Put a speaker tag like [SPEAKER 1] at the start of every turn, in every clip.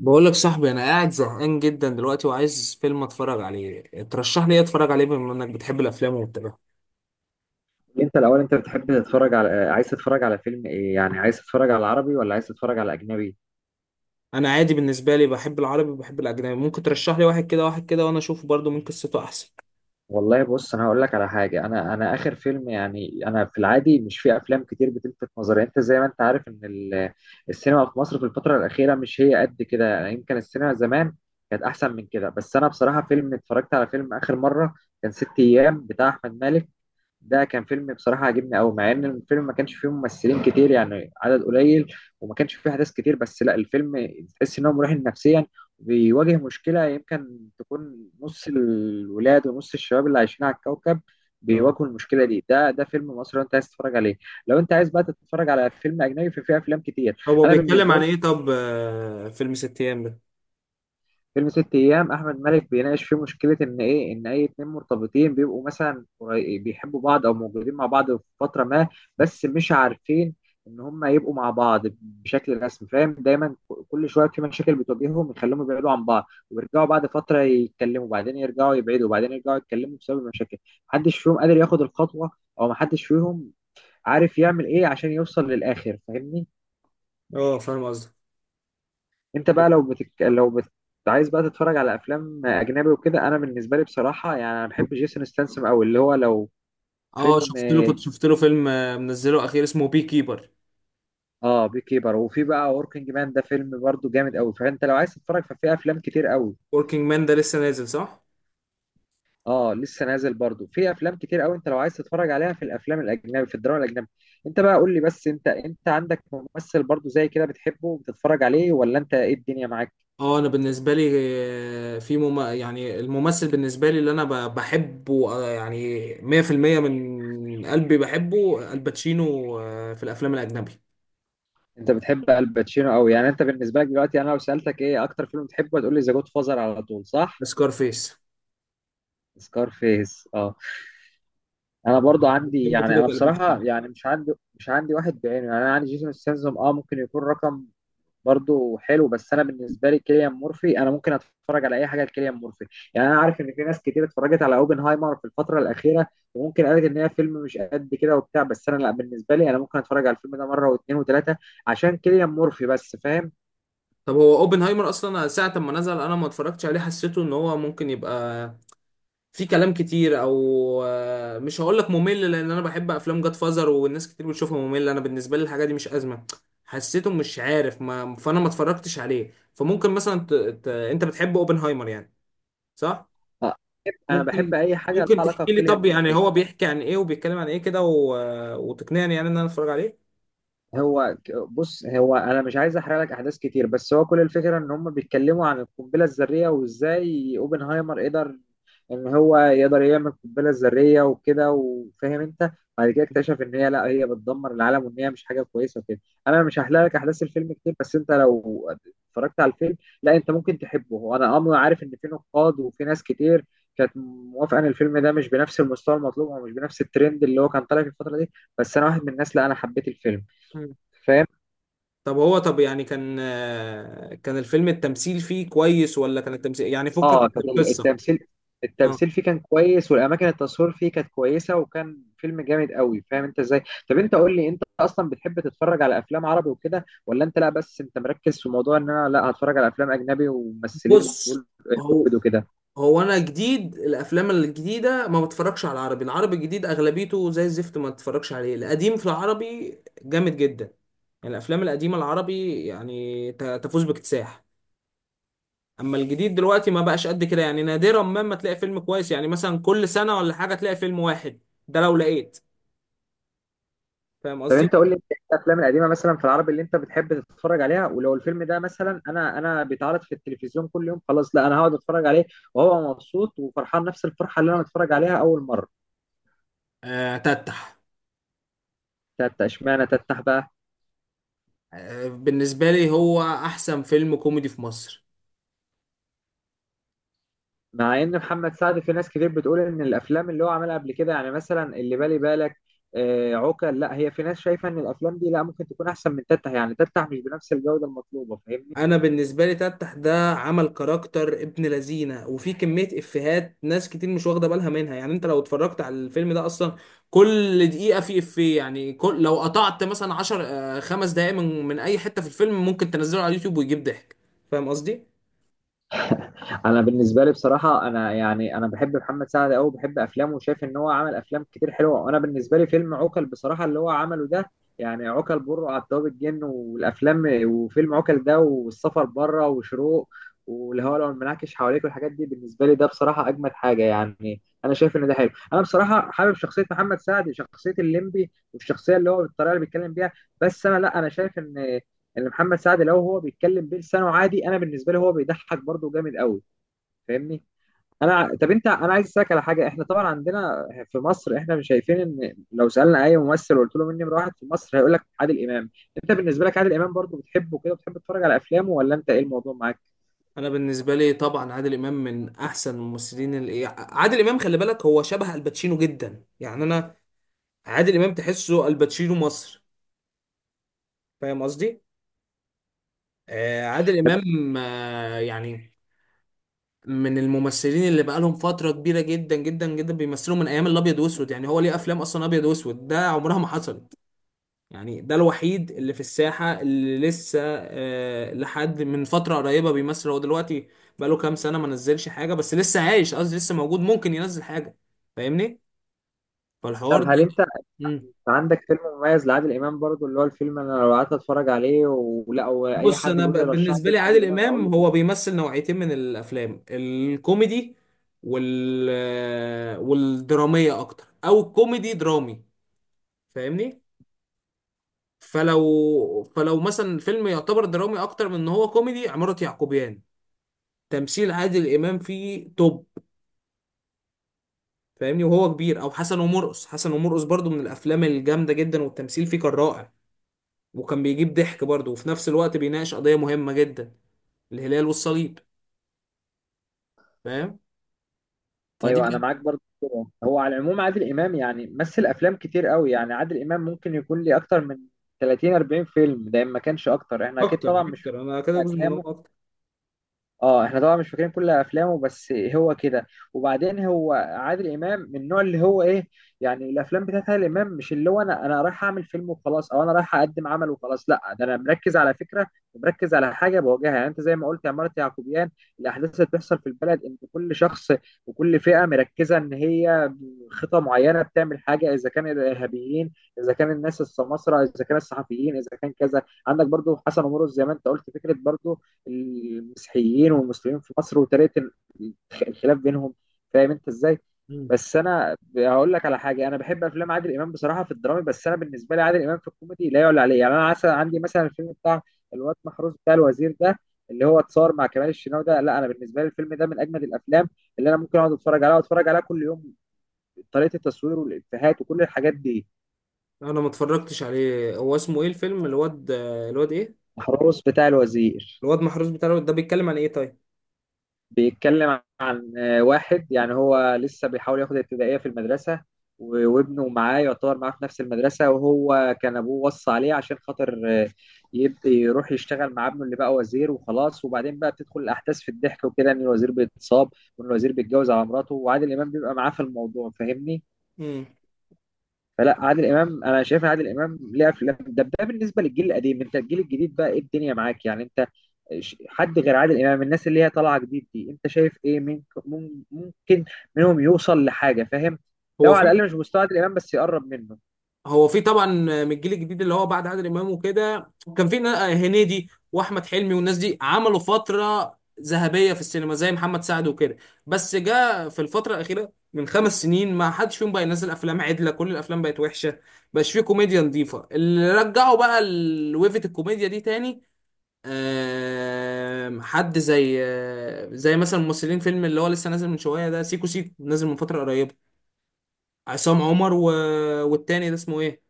[SPEAKER 1] بقول لك صاحبي، انا قاعد زهقان جدا دلوقتي وعايز فيلم اتفرج عليه. ترشح لي ايه اتفرج عليه بما انك بتحب الافلام وبتابعها؟
[SPEAKER 2] انت الاول، انت بتحب تتفرج على عايز تتفرج على فيلم ايه؟ يعني عايز تتفرج على عربي ولا عايز تتفرج على اجنبي؟
[SPEAKER 1] انا عادي، بالنسبه لي بحب العربي وبحب الاجنبي. ممكن ترشح لي واحد كده واحد كده وانا اشوفه برضو من قصته احسن.
[SPEAKER 2] والله بص، انا هقول لك على حاجه. انا اخر فيلم، يعني انا في العادي مش في افلام كتير بتلفت نظري. انت زي ما انت عارف ان السينما في مصر في الفتره الاخيره مش هي قد كده، يعني يمكن السينما زمان كانت احسن من كده. بس انا بصراحه فيلم اتفرجت على فيلم اخر مره كان ست ايام بتاع احمد مالك. ده كان فيلم بصراحة عجبني أوي، مع إن الفيلم ما كانش فيه ممثلين كتير، يعني عدد قليل، وما كانش فيه أحداث كتير، بس لا الفيلم تحس إن هو مريح نفسيا. بيواجه مشكلة يمكن تكون نص الولاد ونص الشباب اللي عايشين على الكوكب
[SPEAKER 1] اه.
[SPEAKER 2] بيواجهوا المشكلة دي. ده فيلم مصري أنت عايز تتفرج عليه. لو أنت عايز بقى تتفرج على فيلم أجنبي ففي أفلام كتير.
[SPEAKER 1] طب هو
[SPEAKER 2] أنا
[SPEAKER 1] بيتكلم
[SPEAKER 2] بالنسبة
[SPEAKER 1] عن ايه؟ طب فيلم ست ايام ده؟
[SPEAKER 2] فيلم ست ايام احمد مالك بيناقش فيه مشكله، ان ايه، ان اي اتنين مرتبطين بيبقوا مثلا بيحبوا بعض او موجودين مع بعض في فتره ما، بس مش عارفين ان هم يبقوا مع بعض بشكل رسمي. فاهم؟ دايما كل شويه في مشاكل بتواجههم يخليهم يبعدوا عن بعض ويرجعوا بعد فتره يتكلموا، وبعدين يرجعوا يبعدوا، وبعدين يرجعوا يتكلموا بسبب المشاكل. محدش فيهم قادر ياخد الخطوه، او محدش فيهم عارف يعمل ايه عشان يوصل للاخر. فاهمني؟
[SPEAKER 1] اه، فاهم قصدك.
[SPEAKER 2] انت
[SPEAKER 1] طب.
[SPEAKER 2] بقى لو بتك... لو بت... عايز بقى تتفرج على افلام اجنبي وكده، انا بالنسبه لي بصراحه يعني انا بحب جيسون ستانسم قوي، اللي هو لو
[SPEAKER 1] اه،
[SPEAKER 2] فيلم.
[SPEAKER 1] شفت له كنت شفت له فيلم منزله اخير اسمه بي كيبر.
[SPEAKER 2] اه، بي كيبر، وفي بقى وركينج مان. ده فيلم برضو جامد قوي، فانت لو عايز تتفرج ففي افلام كتير قوي.
[SPEAKER 1] وركينج مان ده لسه نازل صح؟
[SPEAKER 2] اه لسه نازل، برضو في افلام كتير قوي انت لو عايز تتفرج عليها، في الافلام الاجنبي، في الدراما الاجنبي. انت بقى قول لي، بس انت عندك ممثل برضو زي كده بتحبه وبتتفرج عليه، ولا انت ايه الدنيا معاك؟
[SPEAKER 1] اه. انا بالنسبه لي، يعني الممثل بالنسبه لي اللي انا بحبه، يعني 100% من قلبي بحبه الباتشينو، في الافلام الاجنبي.
[SPEAKER 2] انت بتحب الباتشينو قوي، يعني انت بالنسبه لك دلوقتي انا لو سالتك ايه اكتر فيلم بتحبه هتقول لي ذا جود فازر على طول، صح؟
[SPEAKER 1] سكارفيس.
[SPEAKER 2] سكار فيس، اه. انا برضو عندي،
[SPEAKER 1] بحب
[SPEAKER 2] يعني
[SPEAKER 1] بطولة
[SPEAKER 2] انا
[SPEAKER 1] الباتشينو.
[SPEAKER 2] بصراحه يعني مش عندي واحد بعينه. يعني انا عندي جيسون ستاثام، اه، ممكن يكون رقم. برضو حلو، بس انا بالنسبه لي كيليان مورفي، انا ممكن اتفرج على اي حاجه لكيليان مورفي. يعني انا عارف ان في ناس كتير اتفرجت على اوبنهايمر في الفتره الاخيره، وممكن قالت ان هي فيلم مش قد كده وبتاع، بس انا لا، بالنسبه لي انا ممكن اتفرج على الفيلم ده مره واثنين وثلاثه عشان كيليان مورفي بس. فاهم؟
[SPEAKER 1] طب هو اوبنهايمر اصلا ساعه ما نزل انا ما اتفرجتش عليه. حسيته ان هو ممكن يبقى في كلام كتير، او مش هقول لك ممل لان انا بحب افلام جاد فازر والناس كتير بتشوفها ممله. انا بالنسبه لي الحاجه دي مش ازمه. حسيته مش عارف، ما فانا ما اتفرجتش عليه. فممكن مثلا انت بتحب اوبنهايمر يعني صح؟
[SPEAKER 2] انا بحب
[SPEAKER 1] ممكن.
[SPEAKER 2] اي حاجه لها
[SPEAKER 1] ممكن
[SPEAKER 2] علاقه
[SPEAKER 1] تحكي لي
[SPEAKER 2] بكيليان
[SPEAKER 1] طب يعني
[SPEAKER 2] مورفي.
[SPEAKER 1] هو بيحكي عن ايه وبيتكلم عن ايه كده وتقنعني يعني ان انا اتفرج عليه.
[SPEAKER 2] هو بص، هو انا مش عايز احرق لك احداث كتير، بس هو كل الفكره ان هم بيتكلموا عن القنبله الذريه وازاي اوبنهايمر قدر ان هو يقدر يعمل القنبله الذريه وكده، وفاهم انت، بعد كده اكتشف ان هي لا، هي بتدمر العالم وان هي مش حاجه كويسه وكده. انا مش هحرق لك احداث الفيلم كتير، بس انت لو اتفرجت على الفيلم لا انت ممكن تحبه. وانا امر عارف ان في نقاد وفي ناس كتير كانت موافقه ان الفيلم ده مش بنفس المستوى المطلوب، او مش بنفس الترند اللي هو كان طالع في الفتره دي، بس انا واحد من الناس لا، انا حبيت الفيلم.
[SPEAKER 1] مم.
[SPEAKER 2] فاهم؟
[SPEAKER 1] طب هو، طب يعني كان الفيلم التمثيل فيه كويس، ولا كان التمثيل يعني فكك
[SPEAKER 2] اه،
[SPEAKER 1] من
[SPEAKER 2] كانت
[SPEAKER 1] القصه؟ اه
[SPEAKER 2] التمثيل فيه كان كويس، والاماكن التصوير فيه كانت كويسه، وكان فيلم جامد قوي. فاهم انت ازاي؟ طب انت قول لي، انت اصلا بتحب تتفرج على افلام عربي وكده، ولا انت لا بس انت مركز في موضوع ان انا لا هتفرج على افلام اجنبي وممثلين
[SPEAKER 1] بص هو
[SPEAKER 2] بوليوود وكده؟
[SPEAKER 1] هو انا جديد الافلام الجديده ما بتفرجش على العربي. العربي الجديد اغلبيته زي الزفت، ما بتفرجش عليه. القديم في العربي جامد جدا. يعني الافلام القديمه العربي يعني تفوز باكتساح. اما الجديد دلوقتي ما بقاش قد كده. يعني نادرا ما تلاقي فيلم كويس، يعني مثلا كل سنه ولا حاجه تلاقي فيلم واحد، ده لو لقيت. فاهم
[SPEAKER 2] طب انت
[SPEAKER 1] قصدي؟
[SPEAKER 2] قول لي انت إيه الافلام القديمه مثلا في العربي اللي انت بتحب تتفرج عليها؟ ولو الفيلم ده مثلا انا، بيتعرض في التلفزيون كل يوم خلاص، لا انا هقعد اتفرج عليه وهو مبسوط وفرحان نفس الفرحه اللي انا متفرج عليها اول مره.
[SPEAKER 1] تتح.
[SPEAKER 2] تتة؟ اشمعنى تتح بقى؟
[SPEAKER 1] بالنسبه لي هو احسن فيلم كوميدي في مصر.
[SPEAKER 2] مع ان محمد سعد في ناس كتير بتقول ان الافلام اللي هو عملها قبل كده، يعني مثلا اللي بالي بالك، عوكل، لا هي في ناس شايفه ان الافلام دي لا ممكن تكون احسن من تتح، يعني تتح مش بنفس الجوده المطلوبه. فاهمني؟
[SPEAKER 1] انا بالنسبه لي تفتح ده عمل كاركتر ابن لذينه وفي كميه افيهات ناس كتير مش واخده بالها منها. يعني انت لو اتفرجت على الفيلم ده اصلا كل دقيقه في افيه. يعني كل لو قطعت مثلا 10 خمس دقائق من اي حته في الفيلم ممكن تنزله على اليوتيوب ويجيب ضحك. فاهم قصدي؟
[SPEAKER 2] انا بالنسبه لي بصراحه انا يعني انا بحب محمد سعد قوي، بحب افلامه وشايف ان هو عمل افلام كتير حلوه. وانا بالنسبه لي فيلم عوكل بصراحه اللي هو عمله ده، يعني عوكل، بره على الطياب الجن والافلام، وفيلم عوكل ده، والسفر بره، وشروق، والهواء لو المنعكش حواليك، والحاجات دي بالنسبه لي ده بصراحه اجمد حاجه. يعني انا شايف ان ده حلو. انا بصراحه حابب شخصيه محمد سعد، شخصيه الليمبي والشخصيه اللي هو بالطريقه اللي بيتكلم بيها. بس انا لا، انا شايف ان محمد سعد لو هو بيتكلم بلسانه عادي انا بالنسبه لي هو بيضحك برضه جامد قوي. فاهمني؟ انا طب انت، انا عايز اسالك على حاجه. احنا طبعا عندنا في مصر احنا مش شايفين، ان لو سالنا اي ممثل وقلت له مين نمره واحد في مصر هيقول لك عادل امام. انت بالنسبه لك عادل امام برضو بتحبه كده، بتحب تتفرج على افلامه، ولا انت ايه الموضوع معاك؟
[SPEAKER 1] انا بالنسبه لي طبعا عادل امام من احسن الممثلين. اللي عادل امام خلي بالك هو شبه الباتشينو جدا، يعني انا عادل امام تحسه الباتشينو مصر. فاهم قصدي؟ عادل
[SPEAKER 2] طب
[SPEAKER 1] امام يعني من الممثلين اللي بقالهم فترة كبيرة جدا جدا جدا بيمثلوا من أيام الأبيض وأسود. يعني هو ليه أفلام أصلا أبيض وأسود، ده عمرها ما حصلت. يعني ده الوحيد اللي في الساحة اللي لسه لحد من فترة قريبة بيمثل. هو دلوقتي بقاله كام سنة ما نزلش حاجة، بس لسه عايش، قصدي لسه موجود، ممكن ينزل حاجة. فاهمني؟ فالحوار
[SPEAKER 2] طب
[SPEAKER 1] ده.
[SPEAKER 2] هل انت
[SPEAKER 1] مم.
[SPEAKER 2] عندك فيلم مميز لعادل امام برضو، اللي هو الفيلم انا لو قعدت اتفرج عليه، ولا او اي
[SPEAKER 1] بص،
[SPEAKER 2] حد بيقول لي رشح
[SPEAKER 1] بالنسبة
[SPEAKER 2] لي
[SPEAKER 1] لي
[SPEAKER 2] عادل
[SPEAKER 1] عادل
[SPEAKER 2] امام هقول
[SPEAKER 1] إمام
[SPEAKER 2] له؟
[SPEAKER 1] هو بيمثل نوعيتين من الأفلام، الكوميدي والدرامية، أكتر أو كوميدي درامي. فاهمني؟ فلو مثلا الفيلم يعتبر درامي اكتر من ان هو كوميدي، عمارة يعقوبيان تمثيل عادل امام فيه توب. فاهمني؟ وهو كبير او حسن ومرقص. حسن ومرقص برضو من الافلام الجامده جدا والتمثيل فيه كان رائع، وكان بيجيب ضحك برضو وفي نفس الوقت بيناقش قضيه مهمه جدا، الهلال والصليب. فاهم؟ فدي
[SPEAKER 2] ايوه، انا
[SPEAKER 1] كانت.
[SPEAKER 2] معاك برضه كده. هو على العموم عادل امام يعني مثل افلام كتير قوي. يعني عادل امام ممكن يكون ليه اكتر من 30 40 فيلم، ده إن ما كانش اكتر، احنا اكيد
[SPEAKER 1] اكتر
[SPEAKER 2] طبعا مش
[SPEAKER 1] اكتر انا كده
[SPEAKER 2] فاكرين
[SPEAKER 1] جزء من، هو
[SPEAKER 2] افلامه.
[SPEAKER 1] اكتر.
[SPEAKER 2] اه احنا طبعا مش فاكرين كل افلامه بس هو كده. وبعدين هو عادل امام من النوع اللي هو ايه؟ يعني الافلام بتاعت عادل امام مش اللي هو انا، رايح اعمل فيلم وخلاص، او انا رايح اقدم عمل وخلاص، لا، ده انا مركز على فكره ومركز على حاجه بواجهها. يعني انت زي ما قلت عماره يعقوبيان، الاحداث اللي بتحصل في البلد ان كل شخص وكل فئه مركزه ان هي خطه معينه بتعمل حاجه، اذا كان الارهابيين، اذا كان الناس السماسره، اذا كان الصحفيين، اذا كان كذا. عندك برضو حسن ومرقص زي ما انت قلت، فكره برضو المسيحيين والمسلمين في مصر وطريقه الخلاف بينهم. فاهم انت ازاي؟
[SPEAKER 1] مم.
[SPEAKER 2] بس انا هقول لك على حاجه، انا بحب افلام عادل امام بصراحه في الدرامي، بس انا بالنسبه لي عادل امام في الكوميدي لا يعلى عليه. يعني انا عسل عندي مثلا الفيلم بتاع الواد محروس بتاع الوزير ده، اللي هو اتصور مع كمال الشناوي ده، لا انا بالنسبه لي الفيلم ده من اجمد الافلام اللي انا ممكن اقعد اتفرج عليها واتفرج عليها كل يوم. طريقه التصوير والافيهات وكل الحاجات دي.
[SPEAKER 1] انا ما اتفرجتش عليه. هو اسمه ايه الفيلم؟ الواد ايه؟
[SPEAKER 2] محروس بتاع الوزير
[SPEAKER 1] الواد محروس بتاع. الواد ده بيتكلم عن ايه طيب؟
[SPEAKER 2] بيتكلم، واحد يعني هو لسه بيحاول ياخد ابتدائية في المدرسة، وابنه معاه يعتبر معاه في نفس المدرسة، وهو كان أبوه وصى عليه عشان خاطر يبدأ يروح يشتغل مع ابنه اللي بقى وزير وخلاص. وبعدين بقى بتدخل الأحداث في الضحك وكده إن الوزير بيتصاب، وإن الوزير بيتجوز على مراته، وعادل إمام بيبقى معاه في الموضوع. فاهمني؟
[SPEAKER 1] امم.
[SPEAKER 2] فلا عادل امام انا شايف ان عادل امام ليه افلام. ده بالنسبه للجيل القديم، انت الجيل الجديد بقى ايه الدنيا معاك؟ يعني انت حد غير عادل امام، الناس اللي هي طالعه جديد دي، انت شايف ايه، ممكن منهم يوصل لحاجه؟ فاهم؟ لو
[SPEAKER 1] هو
[SPEAKER 2] على
[SPEAKER 1] في
[SPEAKER 2] الاقل مش مستوى عادل امام بس يقرب منه.
[SPEAKER 1] هو في طبعا من الجيل الجديد، اللي هو بعد عادل امام وكده كان في هنيدي واحمد حلمي والناس دي عملوا فتره ذهبيه في السينما زي محمد سعد وكده. بس جاء في الفتره الاخيره من خمس سنين ما حدش فيهم بقى ينزل افلام عدله، كل الافلام بقت وحشه. مبقاش فيه كوميديا نظيفه اللي رجعوا بقى ويفة الكوميديا دي تاني. حد زي زي مثلا ممثلين فيلم اللي هو لسه نازل من شويه ده، سيكو سيكو نازل من فتره قريبه. عصام عمر والتاني ده اسمه ايه،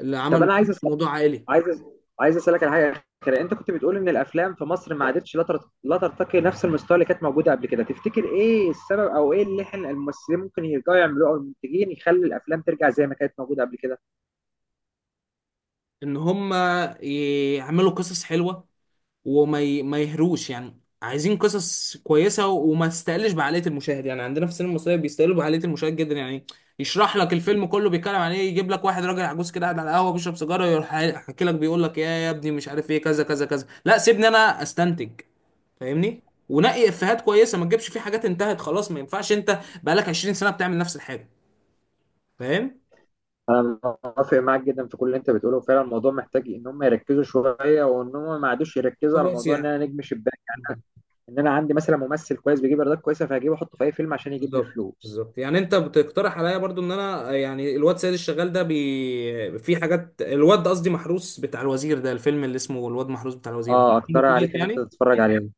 [SPEAKER 1] اللي
[SPEAKER 2] طب
[SPEAKER 1] عمل
[SPEAKER 2] انا
[SPEAKER 1] موضوع عائلي؟
[SPEAKER 2] عايز أسأل عايز اسالك على حاجه اخيره. انت كنت بتقول ان الافلام في مصر ما عادتش لا ترتقي نفس المستوى اللي كانت موجوده قبل كده. تفتكر ايه السبب، او ايه اللي احنا الممثلين ممكن يرجعوا يعملوه او المنتجين يخلي الافلام ترجع زي ما كانت موجوده قبل كده؟
[SPEAKER 1] ان هم يعملوا قصص حلوه ما يهروش، يعني عايزين قصص كويسه وما تستقلش بعقليه المشاهد. يعني عندنا في السينما المصريه بيستقلوا بعقليه المشاهد جدا يعني. يشرح لك الفيلم كله بيتكلم عن ايه، يجيب لك واحد راجل عجوز كده قاعد على القهوه بيشرب سيجاره، يروح حاكي لك بيقول لك يا ابني مش عارف ايه كذا كذا كذا. لا سيبني انا استنتج. فاهمني؟ ونقي افيهات كويسه، ما تجيبش فيه حاجات انتهت خلاص. ما ينفعش انت بقالك 20 سنه بتعمل نفس الحاجه. فاهم؟
[SPEAKER 2] انا موافق معاك جدا في كل اللي انت بتقوله. فعلا الموضوع محتاج ان هم يركزوا شويه، وان هم ما عادوش يركزوا على
[SPEAKER 1] خلاص
[SPEAKER 2] موضوع ان
[SPEAKER 1] يعني.
[SPEAKER 2] انا نجم شباك، ان انا عندي مثلا ممثل كويس بيجيب ايرادات كويسه فهجيبه احطه في اي فيلم عشان يجيب لي
[SPEAKER 1] بالظبط
[SPEAKER 2] فلوس.
[SPEAKER 1] بالظبط، يعني انت بتقترح عليا برضو ان انا يعني الواد سيد الشغال ده في حاجات، الواد قصدي محروس بتاع الوزير ده، الفيلم اللي اسمه الواد محروس بتاع الوزير ده
[SPEAKER 2] اه،
[SPEAKER 1] فيلم
[SPEAKER 2] اقترح
[SPEAKER 1] كويس
[SPEAKER 2] عليك ان انت
[SPEAKER 1] يعني؟
[SPEAKER 2] تتفرج عليه.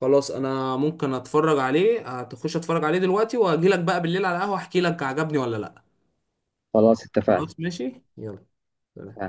[SPEAKER 1] خلاص انا ممكن اتفرج عليه. هتخش اتفرج عليه دلوقتي واجي لك بقى بالليل على القهوة احكي لك عجبني ولا لا.
[SPEAKER 2] خلاص اتفقنا.
[SPEAKER 1] خلاص ماشي، يلا. سلام.